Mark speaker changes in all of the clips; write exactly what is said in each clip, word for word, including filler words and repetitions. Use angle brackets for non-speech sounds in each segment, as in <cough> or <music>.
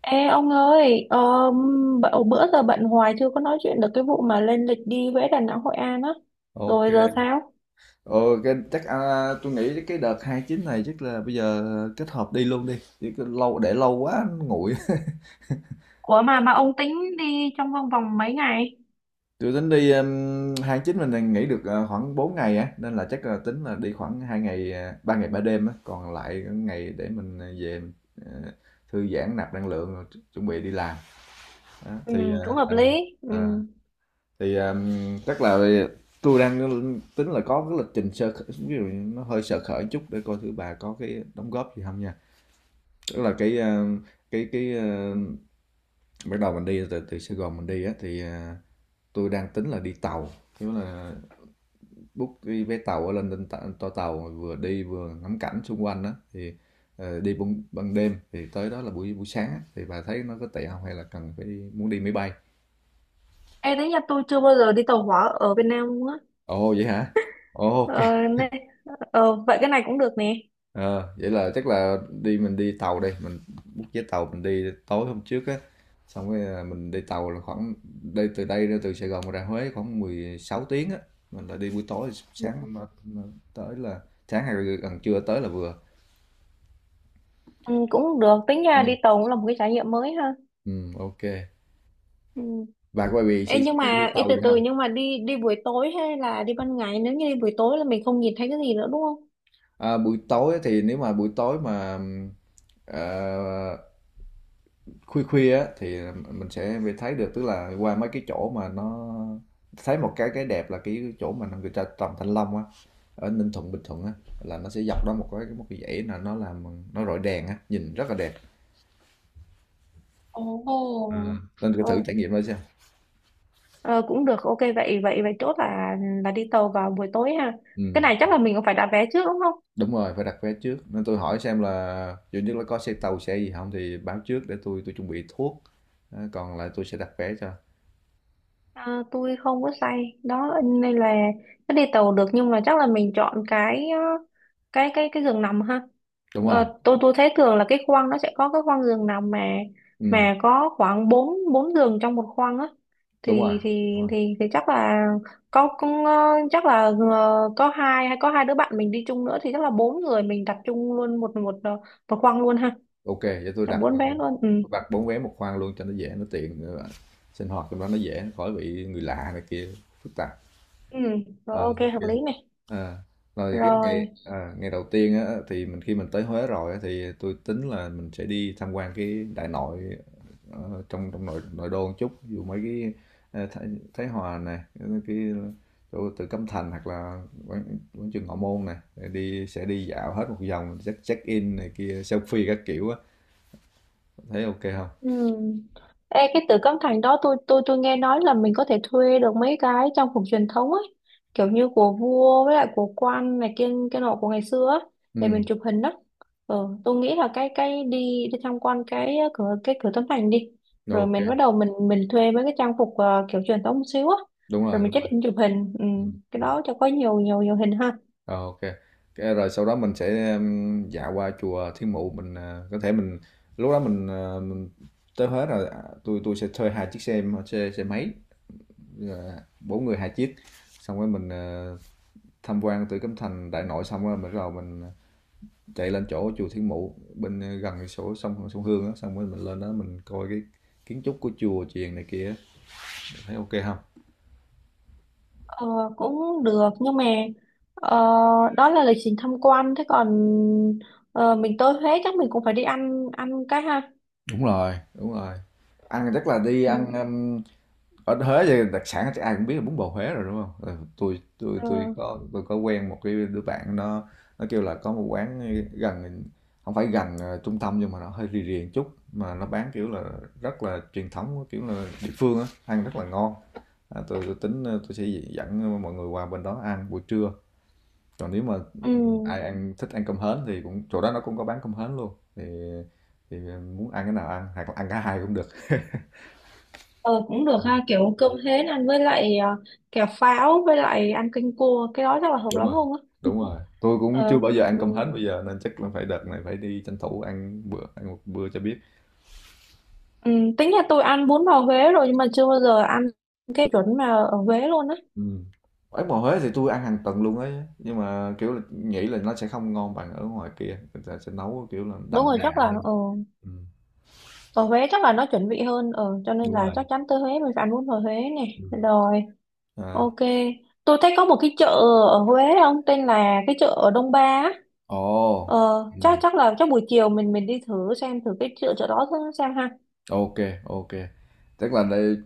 Speaker 1: Ê ông ơi, ờ, b- bữa giờ bận hoài chưa có nói chuyện được cái vụ mà lên lịch đi Huế, Đà Nẵng, Hội An á.
Speaker 2: Ok.
Speaker 1: Rồi giờ sao?
Speaker 2: Ờ, cái, chắc à, tôi nghĩ cái đợt hai chín này chắc là bây giờ kết hợp đi luôn đi. Chứ cứ lâu để lâu quá nó nguội. <laughs>
Speaker 1: Ủa mà mà ông tính đi trong vòng vòng mấy ngày?
Speaker 2: Tôi tính đi um, hai chín mình nghỉ được à, khoảng bốn ngày á nên là chắc là tính là đi khoảng hai ngày à, ba ngày ba đêm á, còn lại cái ngày để mình về mình, à, thư giãn nạp năng lượng rồi chu- chuẩn bị đi làm. Đó,
Speaker 1: Ừ,
Speaker 2: thì à,
Speaker 1: cũng hợp
Speaker 2: à,
Speaker 1: lý. Ừ.
Speaker 2: à, thì à, chắc là tôi đang tính là có cái lịch trình sơ khởi, ví dụ như nó hơi sơ khởi chút để coi thử bà có cái đóng góp gì không nha. Tức là cái ờ, cái cái ờ, bắt đầu mình đi từ, từ Sài Gòn mình đi á thì ờ, tôi đang tính là đi tàu, tức là book cái vé tàu ở lên lên ta- toa tàu vừa đi vừa ngắm cảnh xung quanh đó, thì ờ, đi ban, ban đêm thì tới đó là buổi buổi sáng á, thì bà thấy nó có tệ không, hay là cần phải đi, muốn đi máy bay?
Speaker 1: Ê, đấy nhà tôi chưa bao giờ đi tàu hỏa ở Việt Nam luôn á.
Speaker 2: Ồ vậy hả? Ồ, ok.
Speaker 1: Ờ, nè, ờ, vậy cái này cũng được nè.
Speaker 2: Ờ, vậy là chắc là đi mình đi tàu đây, mình book vé tàu mình đi tối hôm trước á, xong rồi à, mình đi tàu là khoảng đi từ đây ra, từ Sài Gòn ra Huế khoảng mười sáu tiếng á, mình là đi buổi tối sáng mà- mà tới là sáng hay là gần trưa tới là vừa.
Speaker 1: Ừ, cũng được, tính
Speaker 2: Ừ.
Speaker 1: ra đi tàu cũng là một cái trải nghiệm mới ha.
Speaker 2: Ừ, ok.
Speaker 1: Ừ.
Speaker 2: Bà quay về
Speaker 1: Ê,
Speaker 2: xây
Speaker 1: nhưng
Speaker 2: đi
Speaker 1: mà ê,
Speaker 2: tàu
Speaker 1: từ
Speaker 2: gì
Speaker 1: từ,
Speaker 2: không?
Speaker 1: nhưng mà đi đi buổi tối hay là đi ban ngày? Nếu như đi buổi tối là mình không nhìn thấy cái gì nữa đúng không?
Speaker 2: À, buổi tối thì nếu mà buổi tối mà ừm, ờ, khuya khuya á thì mình sẽ mới thấy được, tức là qua mấy cái chỗ mà nó thấy một cái cái đẹp là cái chỗ mà người ta trồng thanh long á ở Ninh Thuận Bình Thuận á, là nó sẽ dọc đó một cái một cái dãy là nó làm, nó rọi đèn á nhìn rất là đẹp. À,
Speaker 1: Ồ.
Speaker 2: nên cứ
Speaker 1: Ừ.
Speaker 2: thử trải nghiệm đó xem.
Speaker 1: Ờ, cũng được, ok, vậy vậy vậy chốt là là đi tàu vào buổi tối ha. Cái
Speaker 2: Ừ,
Speaker 1: này chắc là mình cũng phải đặt vé trước đúng không?
Speaker 2: đúng rồi phải đặt vé trước, nên tôi hỏi xem là duy nhất là có xe tàu xe gì không thì báo trước để tôi tôi chuẩn bị thuốc. Đó, còn lại tôi sẽ đặt vé cho.
Speaker 1: À, tôi không có say đó nên là nó đi tàu được, nhưng mà chắc là mình chọn cái ờ, cái cái cái giường nằm ha.
Speaker 2: Đúng rồi.
Speaker 1: Ờ, tôi tôi thấy thường là cái khoang nó sẽ có cái khoang giường nằm mà
Speaker 2: Ừ,
Speaker 1: mà có khoảng bốn bốn giường trong một khoang á,
Speaker 2: đúng rồi.
Speaker 1: thì thì thì thì chắc là có cũng, ờ, chắc là ờ, có hai hay có hai đứa bạn mình đi chung nữa thì chắc là bốn người mình đặt chung luôn một một ờ, một khoang luôn ha.
Speaker 2: Ok, vậy tôi
Speaker 1: Là
Speaker 2: đặt
Speaker 1: bốn bé luôn, ừ.
Speaker 2: tôi đặt bốn vé một khoang luôn cho nó dễ, nó tiện nữa. Sinh hoạt trong đó nó dễ, nó khỏi bị người lạ này kia phức tạp.
Speaker 1: Ừ,
Speaker 2: Ờ,
Speaker 1: rồi ok,
Speaker 2: ok.
Speaker 1: hợp lý này.
Speaker 2: Ờ, rồi cái
Speaker 1: Rồi.
Speaker 2: ngày à, ngày đầu tiên á thì mình khi mình tới Huế rồi á, thì tôi tính là mình sẽ đi tham quan cái đại nội, ờ, trong trong nội nội đô một chút, ví dụ mấy cái, ờ, Thái, Thái Hòa này, cái chỗ từ Cấm Thành hoặc là quán, quán trường Ngọ Môn này, đi sẽ đi dạo hết một vòng, check check in này kia, selfie các kiểu á, thấy ok không?
Speaker 1: Ừ. Ê, cái từ Cấm Thành đó tôi tôi tôi nghe nói là mình có thể thuê được mấy cái trang phục truyền thống ấy, kiểu như của vua với lại của quan này kia cái nọ của ngày xưa á, để mình
Speaker 2: Ừm,
Speaker 1: chụp hình đó. Ừ, tôi nghĩ là cái cái đi đi tham quan cái ờ, cửa cái cửa Tấm Thành đi, rồi
Speaker 2: OK,
Speaker 1: mình bắt đầu mình mình thuê mấy cái trang phục ờ, kiểu truyền thống một xíu á,
Speaker 2: đúng
Speaker 1: rồi
Speaker 2: rồi,
Speaker 1: mình
Speaker 2: đúng
Speaker 1: check
Speaker 2: rồi.
Speaker 1: in chụp hình, ừ,
Speaker 2: Ừm,
Speaker 1: cái
Speaker 2: ừm,
Speaker 1: đó cho có nhiều nhiều nhiều hình ha.
Speaker 2: ờ, OK. Cái rồi sau đó mình sẽ, ừm, dạo qua chùa Thiên Mụ, mình, à, có thể mình lúc đó mình, ờ, mình tới Huế rồi, à, tôi tui sẽ thuê hai chiếc xe xe xe máy, ờ, bốn người hai chiếc, xong rồi mình, ờ, tham quan Tử Cấm Thành, Đại Nội xong rồi mình bắt đầu mình, ờ, chạy lên chỗ chùa Thiên Mụ bên, ờ, gần cái chỗ sông sông Hương á, xong rồi mình lên đó mình coi cái kiến trúc của chùa chiền này kia, thấy OK không?
Speaker 1: Ờ, cũng được, nhưng mà ờ, đó là lịch trình tham quan, thế còn ờ, mình tới Huế chắc mình cũng phải đi ăn ăn cái ha.
Speaker 2: Đúng rồi, đúng rồi. Ăn chắc là đi
Speaker 1: Ừ.
Speaker 2: ăn, ở Huế thì đặc sản chắc ai cũng biết là bún bò Huế rồi đúng không? Ừ, tôi tôi tôi
Speaker 1: Ờ,
Speaker 2: có tôi có quen một cái đứa bạn, nó nó kêu là có một quán gần, không phải gần ờ, trung tâm nhưng mà nó hơi rì rì một chút, mà nó bán kiểu là rất là truyền thống, kiểu là địa phương á, ăn rất là ngon. À, tôi, tôi tính, ờ, tôi sẽ dẫn mọi người qua bên đó ăn buổi trưa. Còn nếu mà
Speaker 1: ừ.
Speaker 2: ai ăn thích ăn cơm hến thì cũng chỗ đó nó cũng có bán cơm hến luôn, thì thì ờ, muốn ăn cái nào ăn, hoặc là ăn cả hai cũng được.
Speaker 1: Ờ, cũng được ha, kiểu cơm hến ăn với lại ờ, kẹo pháo với lại ăn canh cua cái đó chắc là hợp
Speaker 2: Đúng
Speaker 1: lắm
Speaker 2: rồi,
Speaker 1: luôn á.
Speaker 2: đúng rồi. Tôi cũng chưa
Speaker 1: Ờ,
Speaker 2: bao giờ ăn
Speaker 1: ừ.
Speaker 2: cơm hến bây giờ nên chắc là phải đợt này phải đi tranh thủ ăn bữa, ăn một bữa cho biết.
Speaker 1: Ừ. Tính là tôi ăn bún bò Huế rồi nhưng mà chưa bao giờ ăn cái chuẩn mà ở Huế luôn á.
Speaker 2: Ừ, ở ngoài Huế thì tôi ăn hàng tuần luôn ấy, nhưng mà kiểu là nghĩ là nó sẽ không ngon bằng, ở ngoài kia người ta sẽ nấu kiểu là
Speaker 1: Đúng
Speaker 2: đậm
Speaker 1: rồi,
Speaker 2: đà
Speaker 1: chắc là
Speaker 2: hơn.
Speaker 1: ờ,
Speaker 2: Ừ,
Speaker 1: ở Huế chắc là nó chuẩn vị hơn, ờ cho nên
Speaker 2: đúng
Speaker 1: là
Speaker 2: rồi.
Speaker 1: chắc chắn tới Huế mình phải ăn bún bò Huế
Speaker 2: Ừ.
Speaker 1: này rồi.
Speaker 2: À.
Speaker 1: Ok, tôi thấy có một cái chợ ở Huế không, tên là cái chợ ở Đông Ba á.
Speaker 2: Ồ.
Speaker 1: Ờ, chắc chắc là chắc buổi chiều mình mình đi thử xem thử cái chợ chợ đó thử xem ha.
Speaker 2: OK. OK, tức là đây,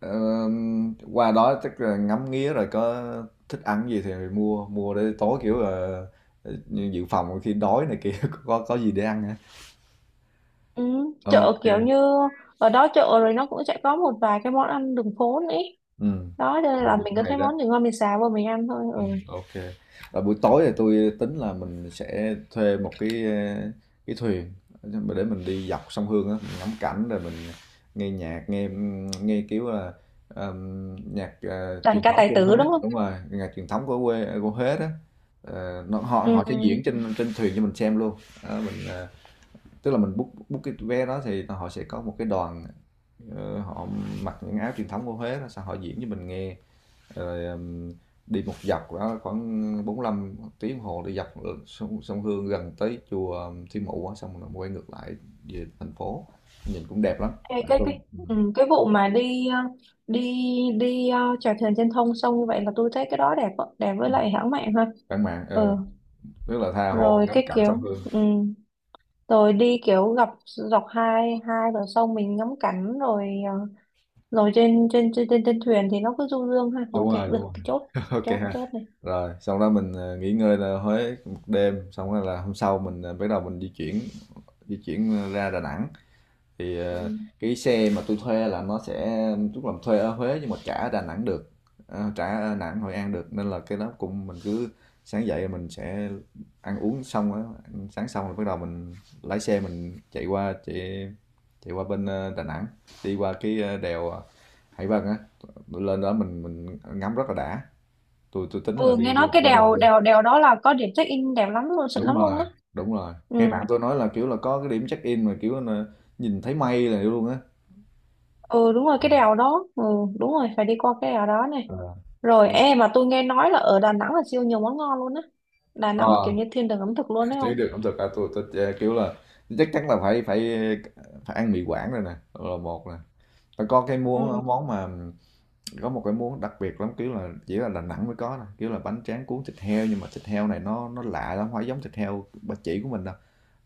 Speaker 2: ờm, qua đó tức là ngắm nghía rồi, có thích ăn gì thì mua, mua để tối, kiểu là, ờ, dự phòng khi đói này kia <laughs> có có gì để ăn hả?
Speaker 1: Ừ,
Speaker 2: OK,
Speaker 1: chợ
Speaker 2: kê.
Speaker 1: kiểu như ở đó chợ rồi, nó cũng sẽ có một vài cái món ăn đường phố nữa, ý.
Speaker 2: Ừm. Ừ,
Speaker 1: Đó, cho nên là
Speaker 2: rồi
Speaker 1: mình
Speaker 2: cũng
Speaker 1: cứ
Speaker 2: hay
Speaker 1: thấy
Speaker 2: đó.
Speaker 1: món gì ngon mình xào vào mình ăn thôi. Ừ.
Speaker 2: Ừm, ô kê. Ờ, buổi tối thì tôi tính là mình sẽ thuê một cái, ờ, cái thuyền để mình đi dọc sông Hương á, mình ngắm cảnh rồi mình nghe nhạc, nghe, nghe, kiểu là, ờm, nhạc, ờ,
Speaker 1: Đàn
Speaker 2: truyền
Speaker 1: ca
Speaker 2: thống
Speaker 1: tài
Speaker 2: của
Speaker 1: tử
Speaker 2: Huế,
Speaker 1: đúng không?
Speaker 2: đúng rồi, nhạc truyền thống của quê, của Huế đó. Ờ, nó họ
Speaker 1: Ừ.
Speaker 2: họ sẽ diễn trên trên thuyền cho mình xem luôn. Đó, mình, ờ tức là mình book book cái vé đó thì họ sẽ có một cái đoàn, ờ, họ mặc những áo truyền thống của Huế đó, xong họ diễn cho mình nghe rồi, ừm, đi một dọc đó khoảng bốn lăm tiếng đồng hồ đi dọc sông, sông Hương gần tới chùa Thiên Mụ á, xong rồi quay ngược lại về thành phố, nhìn cũng đẹp lắm.
Speaker 1: Ê,
Speaker 2: Bạn
Speaker 1: cái
Speaker 2: Hương,
Speaker 1: cái
Speaker 2: ừ.
Speaker 1: ừ, cái vụ mà đi ờ, đi đi ờ, chèo thuyền trên thông sông như vậy là tôi thấy cái đó đẹp ạ, đẹp với
Speaker 2: Ừ.
Speaker 1: lại hãng mạng ha.
Speaker 2: Bạn mạng,
Speaker 1: Ừ.
Speaker 2: ờ rất là tha hồ
Speaker 1: Rồi
Speaker 2: ngắm
Speaker 1: cái
Speaker 2: cảnh sông
Speaker 1: kiểu,
Speaker 2: Hương.
Speaker 1: ừ, rồi đi kiểu dọc dọc hai hai bờ sông mình ngắm cảnh rồi, ờ, rồi trên trên trên trên, trên thuyền thì nó cứ du dương ha. Ok,
Speaker 2: Đúng rồi, đúng
Speaker 1: được cái chốt
Speaker 2: rồi. <laughs> Ok
Speaker 1: chốt
Speaker 2: ha.
Speaker 1: chốt này,
Speaker 2: Rồi xong đó mình, ờ, nghỉ ngơi là Huế một đêm, xong rồi là hôm sau mình, ờ, bắt đầu mình di chuyển di chuyển ra Đà Nẵng. Thì
Speaker 1: ừ.
Speaker 2: ờ, cái xe mà tôi thuê là nó sẽ, tức là thuê ở Huế nhưng mà trả ở Đà Nẵng được. Ờ, trả ở Đà Nẵng Hội An được nên là cái đó cũng mình cứ sáng dậy mình sẽ ăn uống xong á, ăn sáng xong rồi bắt đầu mình lái xe mình chạy qua chạy chạy qua bên ờ, Đà Nẵng, đi qua cái ờ, đèo, ờ, Hải Vân á, lên đó mình mình ngắm rất là đã, tôi tôi tính là
Speaker 1: Ừ,
Speaker 2: đi
Speaker 1: nghe nói
Speaker 2: luôn
Speaker 1: cái
Speaker 2: qua đèo
Speaker 1: đèo
Speaker 2: luôn.
Speaker 1: đèo đèo đó là có điểm check in đẹp lắm luôn, xịn
Speaker 2: Đúng
Speaker 1: lắm luôn
Speaker 2: rồi,
Speaker 1: á.
Speaker 2: đúng rồi,
Speaker 1: Ừ,
Speaker 2: nghe bạn tôi nói là kiểu là có cái điểm check in mà kiểu là nhìn thấy mây là luôn á.
Speaker 1: ừ, đúng rồi, cái đèo đó, ừ, đúng rồi phải đi qua cái đèo đó này. Rồi
Speaker 2: Ờ.
Speaker 1: em mà, tôi nghe nói là ở Đà Nẵng là siêu nhiều món ngon luôn á. Đà Nẵng kiểu
Speaker 2: Ờ,
Speaker 1: như thiên đường ẩm thực luôn đấy
Speaker 2: thấy
Speaker 1: không.
Speaker 2: được ẩm thực ca tôi, tôi ờ, kiểu là chắc chắn là phải phải phải ăn mì Quảng rồi nè, là một nè. Và có cái
Speaker 1: Ừ.
Speaker 2: món món mà có một cái món đặc biệt lắm, kiểu là chỉ là Đà Nẵng mới có nè, kiểu là bánh tráng cuốn thịt heo, nhưng mà thịt heo này nó nó lạ lắm, không phải giống thịt heo bà chỉ của mình đâu,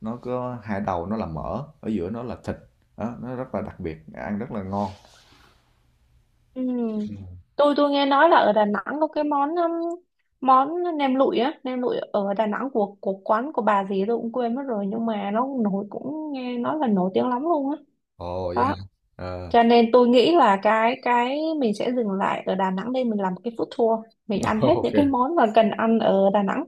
Speaker 2: nó có hai đầu nó là mỡ, ở giữa nó là thịt đó, nó rất là đặc biệt, ăn rất là ngon.
Speaker 1: Ừ. Tôi tôi nghe nói là ở Đà Nẵng có cái món um, món nem lụi á, nem lụi ở Đà Nẵng của của quán của bà gì tôi cũng quên mất rồi, nhưng mà nó nổi, cũng nghe nói là nổi tiếng lắm luôn á.
Speaker 2: Ồ vậy hả?
Speaker 1: Đó.
Speaker 2: Ờ.
Speaker 1: Cho nên tôi nghĩ là cái cái mình sẽ dừng lại ở Đà Nẵng đây, mình làm cái food tour, mình
Speaker 2: <laughs>
Speaker 1: ăn hết
Speaker 2: Ok.
Speaker 1: những cái món mà cần ăn ở Đà Nẵng.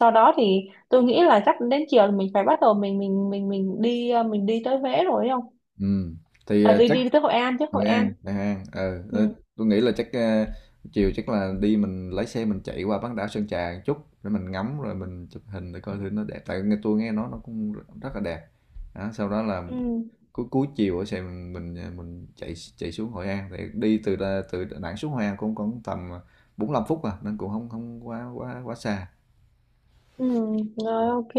Speaker 1: Sau đó thì tôi nghĩ là chắc đến chiều là mình phải bắt đầu mình mình mình mình đi uh, mình đi tới Huế rồi đấy không?
Speaker 2: Ừ, thì
Speaker 1: À,
Speaker 2: ờ,
Speaker 1: đi
Speaker 2: chắc,
Speaker 1: đi tới Hội An chứ, Hội
Speaker 2: Hội
Speaker 1: An.
Speaker 2: An, Hội An, ờ ờ,
Speaker 1: Ừ.
Speaker 2: tôi nghĩ là chắc, ờ, chiều chắc là đi mình lái xe mình chạy qua bán đảo Sơn Trà một chút, để mình ngắm rồi mình chụp hình để coi thử nó đẹp, tại nghe tôi nghe nói nó cũng rất là đẹp. Đó, sau đó là
Speaker 1: Ừ.
Speaker 2: cuối cuối chiều ở xe mình mình, ờ, mình chạy chạy xuống Hội An, thì đi từ Đà- từ Đà Nẵng xuống Hội An cũng còn tầm bốn lăm phút à, nên cũng không không quá quá quá xa.
Speaker 1: Ừ, rồi ok.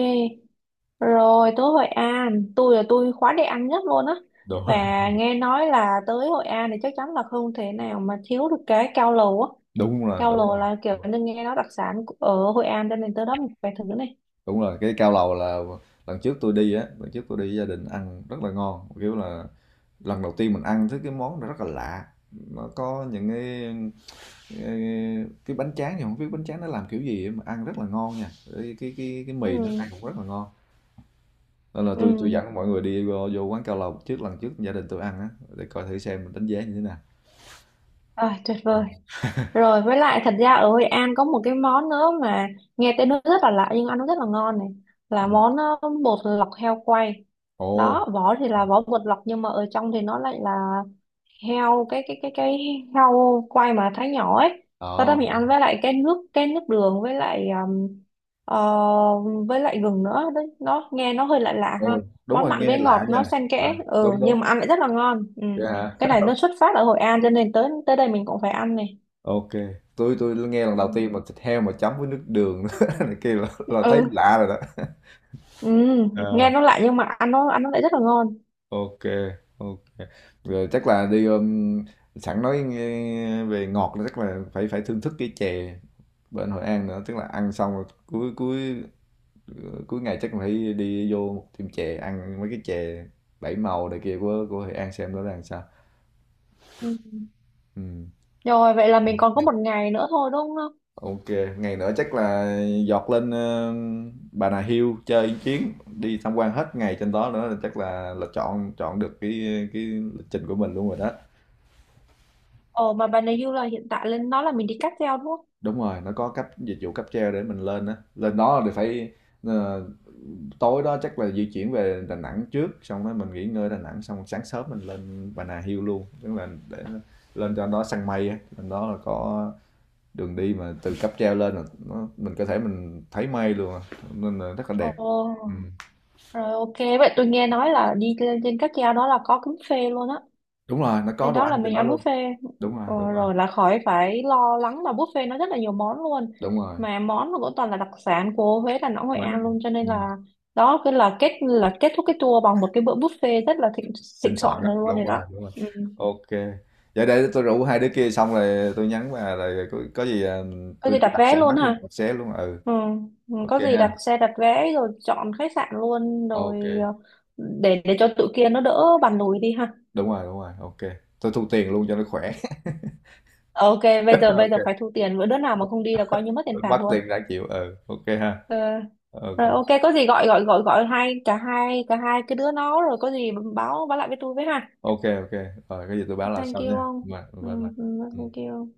Speaker 1: Rồi tới Hội An, tôi là tôi khóa đi ăn nhất luôn á.
Speaker 2: Đúng
Speaker 1: Và
Speaker 2: rồi. <laughs>
Speaker 1: nghe nói là tới Hội An thì chắc chắn là không thể nào mà thiếu được cái cao lầu á.
Speaker 2: Đúng rồi,
Speaker 1: Cao
Speaker 2: đúng
Speaker 1: lầu
Speaker 2: rồi,
Speaker 1: là kiểu như nghe nói đặc sản của- ở Hội An, cho nên tới đó mình phải thử này.
Speaker 2: đúng rồi. Cái cao lầu là lần trước tôi đi á, lần trước tôi đi với gia đình ăn rất là ngon, kiểu là lần đầu tiên mình ăn thấy cái món nó rất là lạ. Nó có những cái, cái, cái bánh tráng thì không biết bánh tráng nó làm kiểu gì mà ăn rất là ngon nha, cái cái cái, cái
Speaker 1: Ừ,
Speaker 2: mì nó ăn cũng rất là ngon, nên là tôi tôi
Speaker 1: ừ.
Speaker 2: dẫn mọi người đi vô, vô quán cao lầu trước, lần trước gia đình tôi ăn á, để coi thử xem mình đánh giá như thế nào.
Speaker 1: À, tuyệt vời. Rồi với lại thật ra ở Hội An có một cái món nữa mà nghe tên nó rất là lạ nhưng ăn nó rất là ngon này.
Speaker 2: Ừ.
Speaker 1: Là món ờ, bột lọc heo quay.
Speaker 2: Ồ.
Speaker 1: Đó, vỏ thì là vỏ bột lọc nhưng mà ở trong thì nó lại là heo cái cái cái cái heo quay mà thái nhỏ ấy, sau đó
Speaker 2: Ờ,
Speaker 1: mình ăn với lại cái nước cái nước đường với lại um, ờ, với lại gừng nữa đấy, nó nghe nó hơi lạ lạ
Speaker 2: đúng
Speaker 1: ha.
Speaker 2: rồi, đúng
Speaker 1: Món
Speaker 2: rồi,
Speaker 1: mặn
Speaker 2: nghe
Speaker 1: với
Speaker 2: lạ
Speaker 1: ngọt
Speaker 2: nha.
Speaker 1: nó xen
Speaker 2: À,
Speaker 1: kẽ, ừ,
Speaker 2: đúng
Speaker 1: nhưng mà
Speaker 2: đúng,
Speaker 1: ăn lại rất là ngon, ừ.
Speaker 2: yeah.
Speaker 1: Cái này nó xuất phát ở Hội An cho nên tới tới đây mình cũng phải ăn này.
Speaker 2: Ok, tôi tôi nghe lần đầu
Speaker 1: Ừ.
Speaker 2: tiên mà thịt heo mà chấm với nước đường <laughs> này kia là, là thấy
Speaker 1: Ừ.
Speaker 2: lạ rồi
Speaker 1: Ừ. Nghe
Speaker 2: đó.
Speaker 1: nó lạ nhưng mà ăn nó ăn nó lại rất là ngon,
Speaker 2: Ok. Ok, rồi chắc là đi, um, sẵn nói nghe về ngọt là chắc là phải phải thưởng thức cái chè bên Hội An nữa, tức là ăn xong rồi cuối cuối cuối ngày chắc phải đi vô một tiệm chè ăn mấy cái chè bảy màu này kia của của Hội An xem nó là làm sao.
Speaker 1: ừ.
Speaker 2: Ừ.
Speaker 1: Rồi vậy là mình còn có một ngày nữa thôi đúng không?
Speaker 2: Ok, ngày nữa chắc là dọt lên, ờ, Bà Nà Hills chơi một chuyến, đi tham quan hết ngày trên đó nữa, là chắc là là chọn chọn được cái cái lịch trình của mình luôn rồi đó.
Speaker 1: Ồ, mà bà này như là hiện tại lên nó là mình đi cáp treo đúng không?
Speaker 2: Đúng rồi, nó có cấp dịch vụ cáp treo để mình lên á, lên đó thì phải, ờ, tối đó chắc là di chuyển về Đà Nẵng trước, xong rồi mình nghỉ ngơi Đà Nẵng, xong sáng sớm mình lên Bà Nà Hills luôn, tức là để lên cho nó săn mây á. Lên đó là có đường đi mà từ cáp treo lên là nó, mình có thể mình thấy mây luôn à, nên là rất là
Speaker 1: Ồ.
Speaker 2: đẹp. Ừ.
Speaker 1: Rồi ok, vậy tôi nghe nói là đi lên trên cáp treo đó là có buffet luôn á.
Speaker 2: Đúng rồi, nó có
Speaker 1: Lên
Speaker 2: đồ
Speaker 1: đó là
Speaker 2: ăn trên
Speaker 1: mình
Speaker 2: đó
Speaker 1: ăn
Speaker 2: luôn.
Speaker 1: buffet.
Speaker 2: Đúng rồi,
Speaker 1: Ờ,
Speaker 2: đúng rồi,
Speaker 1: rồi là khỏi phải lo lắng, là buffet nó rất là nhiều món luôn.
Speaker 2: đúng rồi.
Speaker 1: Mà món nó cũng toàn là đặc sản của Huế, Đà Nẵng, Hội
Speaker 2: Ngoài.
Speaker 1: An luôn. Cho nên
Speaker 2: Ừ.
Speaker 1: là đó cứ là kết là kết thúc cái tour bằng một cái bữa buffet rất là thịnh thịnh
Speaker 2: Xin soạn
Speaker 1: soạn
Speaker 2: á,
Speaker 1: rồi luôn
Speaker 2: đúng
Speaker 1: này đó.
Speaker 2: rồi, đúng rồi.
Speaker 1: Ừ.
Speaker 2: Ok, vậy để tôi rủ hai đứa kia xong rồi tôi nhắn, và rồi có, có gì, à,
Speaker 1: Có
Speaker 2: tôi
Speaker 1: gì đặt
Speaker 2: đặt xe
Speaker 1: vé
Speaker 2: hết
Speaker 1: luôn ha.
Speaker 2: luôn, đặt xe luôn. Ừ,
Speaker 1: Ừ. Ừ,
Speaker 2: ok
Speaker 1: có gì
Speaker 2: ha.
Speaker 1: đặt xe đặt vé rồi chọn khách sạn luôn
Speaker 2: Ok.
Speaker 1: rồi, ờ, để để cho tụi kia nó đỡ bàn lùi đi ha.
Speaker 2: Đúng rồi, đúng rồi. Ok, tôi thu tiền luôn cho nó khỏe.
Speaker 1: Ok, bây giờ
Speaker 2: <laughs>
Speaker 1: bây giờ
Speaker 2: Ok,
Speaker 1: phải thu tiền, bữa đứa nào mà không đi là coi như mất tiền
Speaker 2: tôi
Speaker 1: phạt
Speaker 2: bắt
Speaker 1: luôn.
Speaker 2: tiền đã chịu, ừ, ok ha.
Speaker 1: Ờ,
Speaker 2: Ok.
Speaker 1: rồi ok, có gì gọi gọi gọi gọi hai cả hai cả hai cái đứa nó rồi có gì báo báo lại với tôi với ha.
Speaker 2: Ok. Ok, rồi cái gì tôi báo là
Speaker 1: Thank
Speaker 2: sau
Speaker 1: you
Speaker 2: nha,
Speaker 1: ông.
Speaker 2: bye
Speaker 1: Ừ,
Speaker 2: bye bye.
Speaker 1: ừ,
Speaker 2: Ừ.
Speaker 1: thank you.